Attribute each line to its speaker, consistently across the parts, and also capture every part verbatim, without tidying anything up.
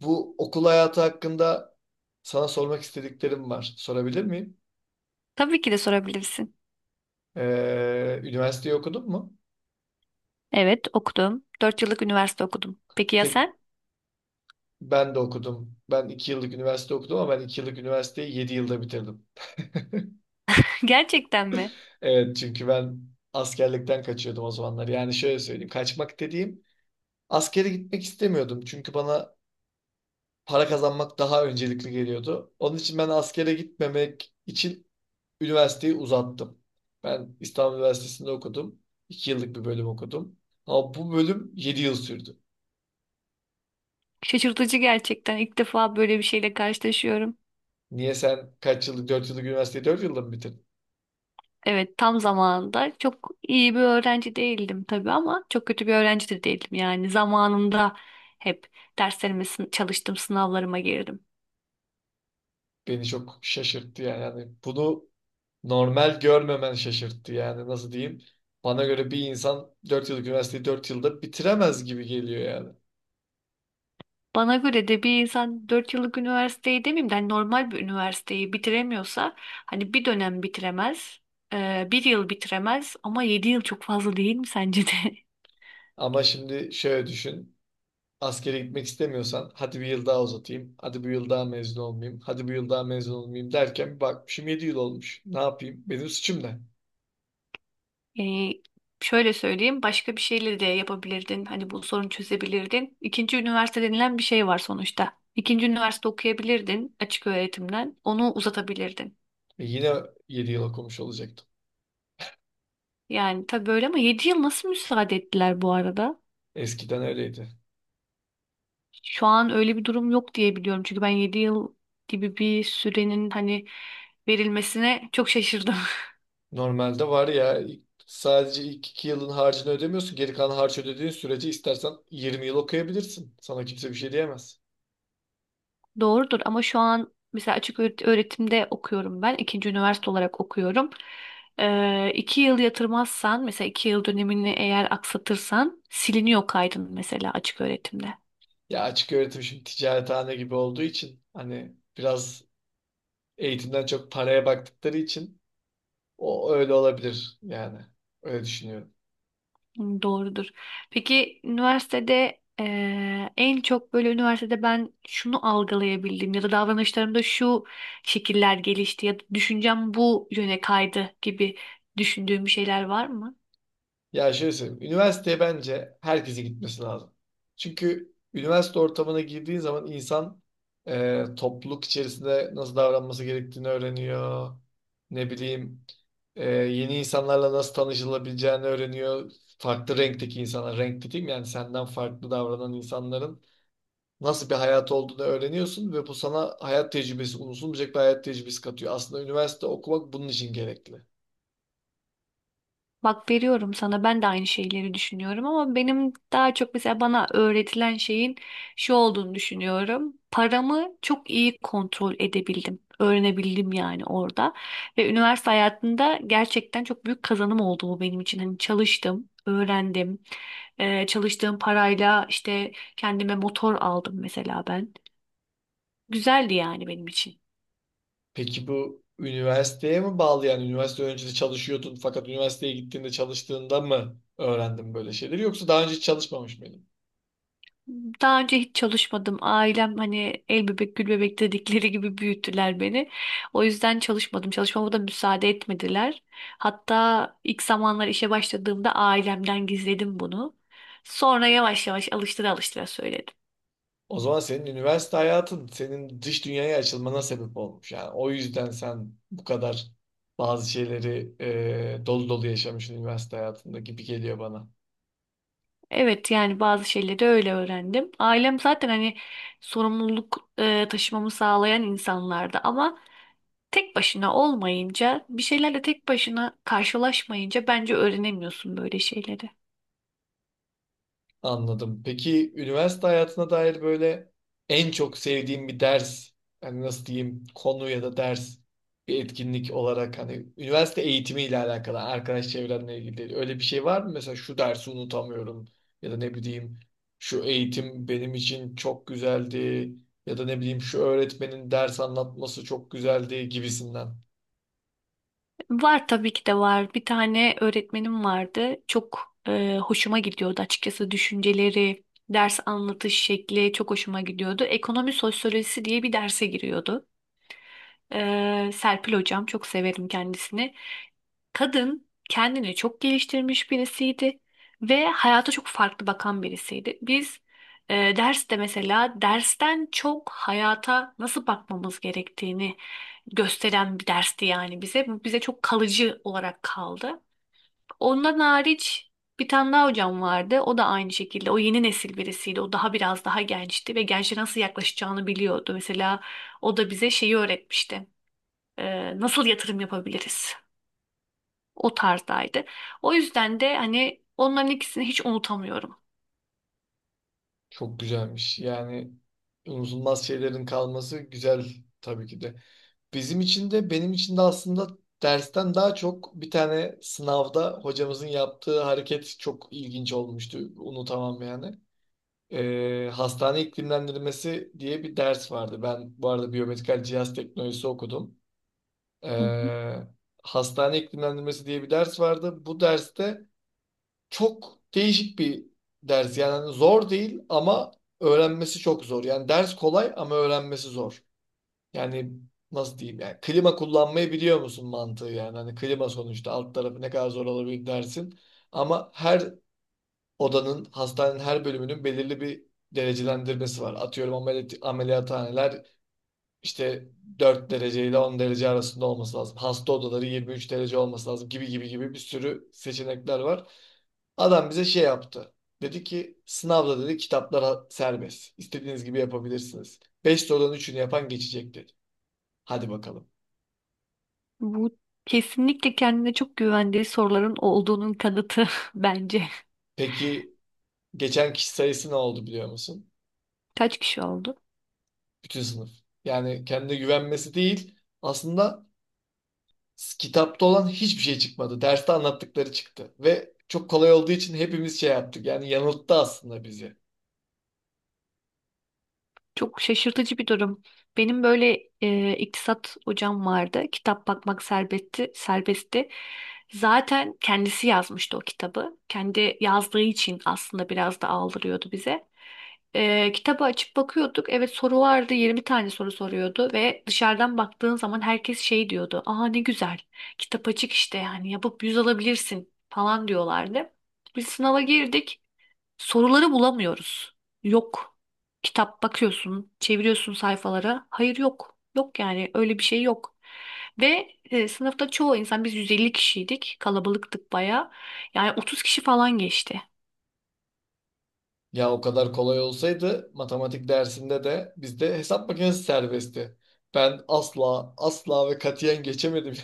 Speaker 1: Bu okul hayatı hakkında sana sormak istediklerim var. Sorabilir miyim?
Speaker 2: Tabii ki de sorabilirsin.
Speaker 1: Ee, üniversiteyi okudun mu?
Speaker 2: Evet, okudum. Dört yıllık üniversite okudum. Peki ya
Speaker 1: Pek
Speaker 2: sen?
Speaker 1: Ben de okudum. Ben iki yıllık üniversite okudum ama ben iki yıllık üniversiteyi yedi yılda bitirdim.
Speaker 2: Gerçekten mi?
Speaker 1: Evet, çünkü ben askerlikten kaçıyordum o zamanlar. Yani şöyle söyleyeyim. Kaçmak dediğim, askere gitmek istemiyordum. Çünkü bana para kazanmak daha öncelikli geliyordu. Onun için ben askere gitmemek için üniversiteyi uzattım. Ben İstanbul Üniversitesi'nde okudum. iki yıllık bir bölüm okudum. Ama bu bölüm yedi yıl sürdü.
Speaker 2: Şaşırtıcı gerçekten. İlk defa böyle bir şeyle karşılaşıyorum.
Speaker 1: Niye sen kaç yıllık, dört yıllık üniversiteyi dört yılda mı bitirdin?
Speaker 2: Evet, tam zamanında çok iyi bir öğrenci değildim tabii ama çok kötü bir öğrenci de değildim. Yani zamanında hep derslerime sın- çalıştım, sınavlarıma girdim.
Speaker 1: Beni çok şaşırttı yani. Yani bunu normal görmemen şaşırttı, yani nasıl diyeyim. Bana göre bir insan dört yıllık üniversiteyi dört yılda bitiremez gibi geliyor yani.
Speaker 2: Bana göre de bir insan dört yıllık üniversiteyi demeyeyim de hani normal bir üniversiteyi bitiremiyorsa hani bir dönem bitiremez, e, bir yıl bitiremez ama yedi yıl çok fazla değil mi sence de?
Speaker 1: Ama şimdi şöyle düşün. Askere gitmek istemiyorsan hadi bir yıl daha uzatayım. Hadi bir yıl daha mezun olmayayım. Hadi bir yıl daha mezun olmayayım derken bir bakmışım yedi yıl olmuş. Ne yapayım? Benim suçum ne?
Speaker 2: Yani şöyle söyleyeyim, başka bir şeyle de yapabilirdin, hani bu sorunu çözebilirdin. İkinci üniversite denilen bir şey var sonuçta. İkinci üniversite okuyabilirdin, açık öğretimden onu uzatabilirdin.
Speaker 1: E yine yedi yıl okumuş olacaktım.
Speaker 2: Yani tabii böyle, ama yedi yıl nasıl müsaade ettiler bu arada?
Speaker 1: Eskiden öyleydi.
Speaker 2: Şu an öyle bir durum yok diye biliyorum. Çünkü ben yedi yıl gibi bir sürenin hani verilmesine çok şaşırdım.
Speaker 1: Normalde var ya ilk- sadece ilk iki yılın harcını ödemiyorsun. Geri kalan harcı ödediğin sürece istersen yirmi yıl okuyabilirsin. Sana kimse bir şey diyemez.
Speaker 2: Doğrudur, ama şu an mesela açık öğret- öğretimde okuyorum ben. İkinci üniversite olarak okuyorum. Ee, iki yıl yatırmazsan, mesela iki yıl dönemini eğer aksatırsan siliniyor kaydın mesela açık öğretimde.
Speaker 1: Ya açık öğretim şimdi ticarethane gibi olduğu için hani biraz eğitimden çok paraya baktıkları için o öyle olabilir yani. Öyle düşünüyorum.
Speaker 2: Hı, doğrudur. Peki üniversitede eee, en çok böyle üniversitede ben şunu algılayabildim ya da davranışlarımda şu şekiller gelişti ya da düşüncem bu yöne kaydı gibi düşündüğüm bir şeyler var mı?
Speaker 1: Ya şöyle söyleyeyim. Üniversiteye bence herkese gitmesi lazım. Çünkü üniversite ortamına girdiği zaman insan e, topluluk içerisinde nasıl davranması gerektiğini öğreniyor. Ne bileyim, e, yeni insanlarla nasıl tanışılabileceğini öğreniyor. Farklı renkteki insanlar, renk dediğim yani senden farklı davranan insanların nasıl bir hayat olduğunu öğreniyorsun ve bu sana hayat tecrübesi, unutulmayacak bir hayat tecrübesi katıyor. Aslında üniversite okumak bunun için gerekli.
Speaker 2: Bak, veriyorum sana, ben de aynı şeyleri düşünüyorum, ama benim daha çok mesela bana öğretilen şeyin şu olduğunu düşünüyorum. Paramı çok iyi kontrol edebildim. Öğrenebildim yani orada. Ve üniversite hayatında gerçekten çok büyük kazanım oldu bu benim için. Hani çalıştım, öğrendim. Ee, çalıştığım parayla işte kendime motor aldım mesela ben. Güzeldi yani benim için.
Speaker 1: Peki bu üniversiteye mi bağlı, yani üniversite öncesi çalışıyordun fakat üniversiteye gittiğinde çalıştığında mı öğrendin böyle şeyleri, yoksa daha önce hiç çalışmamış mıydın?
Speaker 2: Daha önce hiç çalışmadım. Ailem hani el bebek gül bebek dedikleri gibi büyüttüler beni. O yüzden çalışmadım. Çalışmama da müsaade etmediler. Hatta ilk zamanlar işe başladığımda ailemden gizledim bunu. Sonra yavaş yavaş alıştıra alıştıra söyledim.
Speaker 1: O zaman senin üniversite hayatın senin dış dünyaya açılmana sebep olmuş, yani o yüzden sen bu kadar bazı şeyleri e, dolu dolu yaşamışsın üniversite hayatında gibi geliyor bana.
Speaker 2: Evet, yani bazı şeyleri öyle öğrendim. Ailem zaten hani sorumluluk e, taşımamı sağlayan insanlardı, ama tek başına olmayınca, bir şeylerle tek başına karşılaşmayınca bence öğrenemiyorsun böyle şeyleri.
Speaker 1: Anladım. Peki üniversite hayatına dair böyle en çok sevdiğim bir ders, yani nasıl diyeyim, konu ya da ders, bir etkinlik olarak hani üniversite eğitimiyle alakalı, arkadaş çevrenle ilgili öyle bir şey var mı? Mesela şu dersi unutamıyorum ya da ne bileyim şu eğitim benim için çok güzeldi ya da ne bileyim şu öğretmenin ders anlatması çok güzeldi gibisinden.
Speaker 2: Var, tabii ki de var. Bir tane öğretmenim vardı. Çok e, hoşuma gidiyordu açıkçası düşünceleri, ders anlatış şekli çok hoşuma gidiyordu. Ekonomi sosyolojisi diye bir derse giriyordu. E, Serpil hocam, çok severim kendisini. Kadın kendini çok geliştirmiş birisiydi ve hayata çok farklı bakan birisiydi. Biz e, derste mesela dersten çok hayata nasıl bakmamız gerektiğini gösteren bir dersti yani bize. Bu bize çok kalıcı olarak kaldı. Ondan hariç bir tane daha hocam vardı. O da aynı şekilde. O yeni nesil birisiydi. O daha biraz daha gençti ve gençlere nasıl yaklaşacağını biliyordu. Mesela o da bize şeyi öğretmişti. E, nasıl yatırım yapabiliriz? O tarzdaydı. O yüzden de hani onların ikisini hiç unutamıyorum.
Speaker 1: Çok güzelmiş. Yani unutulmaz şeylerin kalması güzel tabii ki de. Bizim için de benim için de aslında dersten daha çok bir tane sınavda hocamızın yaptığı hareket çok ilginç olmuştu. Unutamam yani. Ee, hastane iklimlendirmesi diye bir ders vardı. Ben bu arada biyomedikal cihaz teknolojisi okudum.
Speaker 2: Hı hı.
Speaker 1: Ee, Hastane iklimlendirmesi diye bir ders vardı. Bu derste çok değişik bir ders. Yani zor değil ama öğrenmesi çok zor. Yani ders kolay ama öğrenmesi zor. Yani nasıl diyeyim, yani klima kullanmayı biliyor musun mantığı yani. Hani klima sonuçta alt tarafı ne kadar zor olabilir dersin. Ama her odanın, hastanenin her bölümünün belirli bir derecelendirmesi var. Atıyorum ameliyat, ameliyathaneler işte dört derece ile on derece arasında olması lazım. Hasta odaları yirmi üç derece olması lazım gibi gibi gibi, bir sürü seçenekler var. Adam bize şey yaptı. Dedi ki sınavda, dedi, kitaplara serbest. İstediğiniz gibi yapabilirsiniz. Beş sorudan üçünü yapan geçecek dedi. Hadi bakalım.
Speaker 2: Bu kesinlikle kendine çok güvendiği soruların olduğunun kanıtı bence.
Speaker 1: Peki geçen kişi sayısı ne oldu biliyor musun?
Speaker 2: Kaç kişi oldu?
Speaker 1: Bütün sınıf. Yani kendine güvenmesi değil. Aslında s- kitapta olan hiçbir şey çıkmadı. Derste anlattıkları çıktı. Ve çok kolay olduğu için hepimiz şey yaptık. Yani yanılttı aslında bizi.
Speaker 2: Çok şaşırtıcı bir durum. Benim böyle e, iktisat hocam vardı. Kitap bakmak serbestti, serbestti. Zaten kendisi yazmıştı o kitabı. Kendi yazdığı için aslında biraz da aldırıyordu bize. E, kitabı açıp bakıyorduk. Evet, soru vardı. Yirmi tane soru soruyordu ve dışarıdan baktığın zaman herkes şey diyordu. Aa, ne güzel. Kitap açık işte, yani yapıp yüz alabilirsin falan diyorlardı. Biz sınava girdik. Soruları bulamıyoruz. Yok. Kitap bakıyorsun, çeviriyorsun sayfalara. Hayır, yok. Yok, yani öyle bir şey yok. Ve e, sınıfta çoğu insan, biz yüz elli kişiydik. Kalabalıktık baya. Yani otuz kişi falan geçti.
Speaker 1: Ya o kadar kolay olsaydı matematik dersinde de bizde hesap makinesi serbestti. Ben asla asla ve katiyen geçemedim.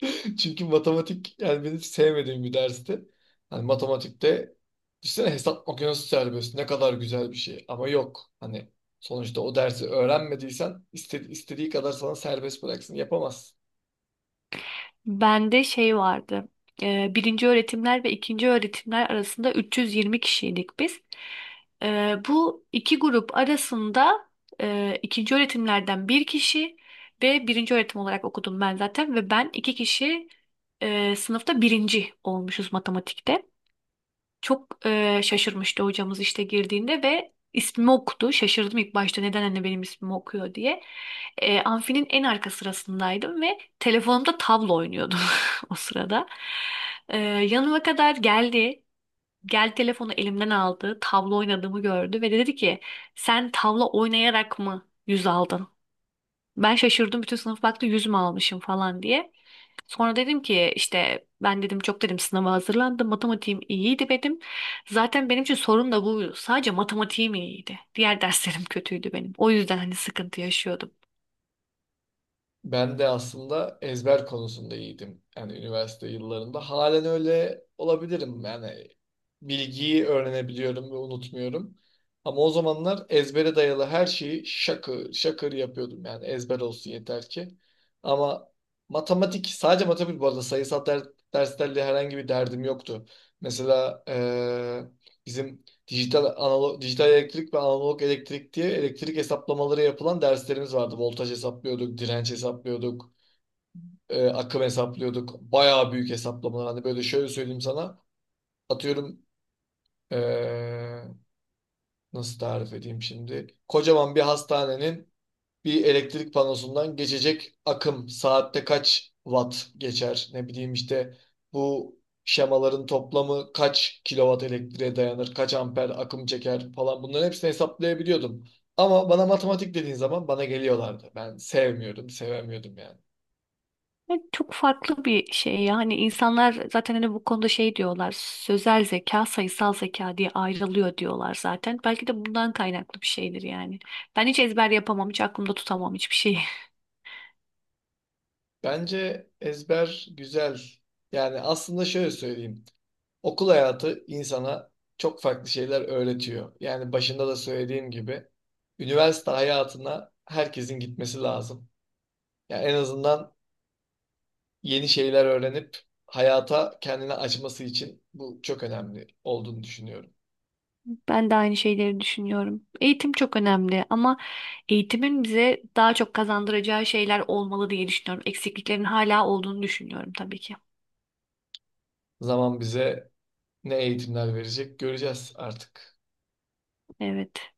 Speaker 1: Çünkü matematik yani benim sevmediğim bir dersti. Hani matematikte düşünsene hesap makinesi serbest ne kadar güzel bir şey ama yok. Hani sonuçta o dersi öğrenmediysen istedi istediği kadar sana serbest bıraksın yapamazsın.
Speaker 2: Bende şey vardı. Ee, birinci öğretimler ve ikinci öğretimler arasında üç yüz yirmi kişiydik biz. Ee, bu iki grup arasında e, ikinci öğretimlerden bir kişi ve birinci öğretim olarak okudum ben zaten ve ben, iki kişi e, sınıfta birinci olmuşuz matematikte. Çok e, şaşırmıştı hocamız işte girdiğinde ve ismimi okudu. Şaşırdım ilk başta, neden anne benim ismimi okuyor diye. E, amfinin en arka sırasındaydım ve telefonumda tablo oynuyordum o sırada. E, yanıma kadar geldi. Gel, telefonu elimden aldı. Tablo oynadığımı gördü ve dedi ki, sen tavla oynayarak mı yüz aldın? Ben şaşırdım, bütün sınıf baktı, yüz mü almışım falan diye. Sonra dedim ki işte, ben dedim çok dedim sınava hazırlandım. Matematiğim iyiydi benim. Zaten benim için sorun da bu. Sadece matematiğim iyiydi. Diğer derslerim kötüydü benim. O yüzden hani sıkıntı yaşıyordum.
Speaker 1: Ben de aslında ezber konusunda iyiydim. Yani üniversite yıllarında. Halen öyle olabilirim. Yani bilgiyi öğrenebiliyorum ve unutmuyorum. Ama o zamanlar ezbere dayalı her şeyi şakır şakır yapıyordum. Yani ezber olsun yeter ki. Ama matematik, sadece matematik bu arada sayısal der, derslerle herhangi bir derdim yoktu. Mesela eee, bizim dijital, analog, dijital elektrik ve analog elektrik diye elektrik hesaplamaları yapılan derslerimiz vardı. Voltaj hesaplıyorduk, direnç hesaplıyorduk, e, akım hesaplıyorduk. Bayağı büyük hesaplamalar. Hani böyle şöyle söyleyeyim sana. Atıyorum, e, nasıl tarif edeyim şimdi? Kocaman bir hastanenin bir elektrik panosundan geçecek akım saatte kaç watt geçer? Ne bileyim işte bu şemaların toplamı kaç kilowatt elektriğe dayanır, kaç amper akım çeker falan, bunların hepsini hesaplayabiliyordum. Ama bana matematik dediğin zaman bana geliyorlardı. Ben sevmiyordum, sevemiyordum yani.
Speaker 2: Yani çok farklı bir şey yani, insanlar zaten hani bu konuda şey diyorlar, sözel zeka sayısal zeka diye ayrılıyor diyorlar zaten, belki de bundan kaynaklı bir şeydir yani. Ben hiç ezber yapamam, hiç aklımda tutamam hiçbir şeyi.
Speaker 1: Bence ezber güzel. Yani aslında şöyle söyleyeyim. Okul hayatı insana çok farklı şeyler öğretiyor. Yani başında da söylediğim gibi üniversite hayatına herkesin gitmesi lazım. Yani en azından yeni şeyler öğrenip hayata kendini açması için bu çok önemli olduğunu düşünüyorum.
Speaker 2: Ben de aynı şeyleri düşünüyorum. Eğitim çok önemli, ama eğitimin bize daha çok kazandıracağı şeyler olmalı diye düşünüyorum. Eksikliklerin hala olduğunu düşünüyorum tabii ki.
Speaker 1: Zaman bize ne eğitimler verecek göreceğiz artık.
Speaker 2: Evet.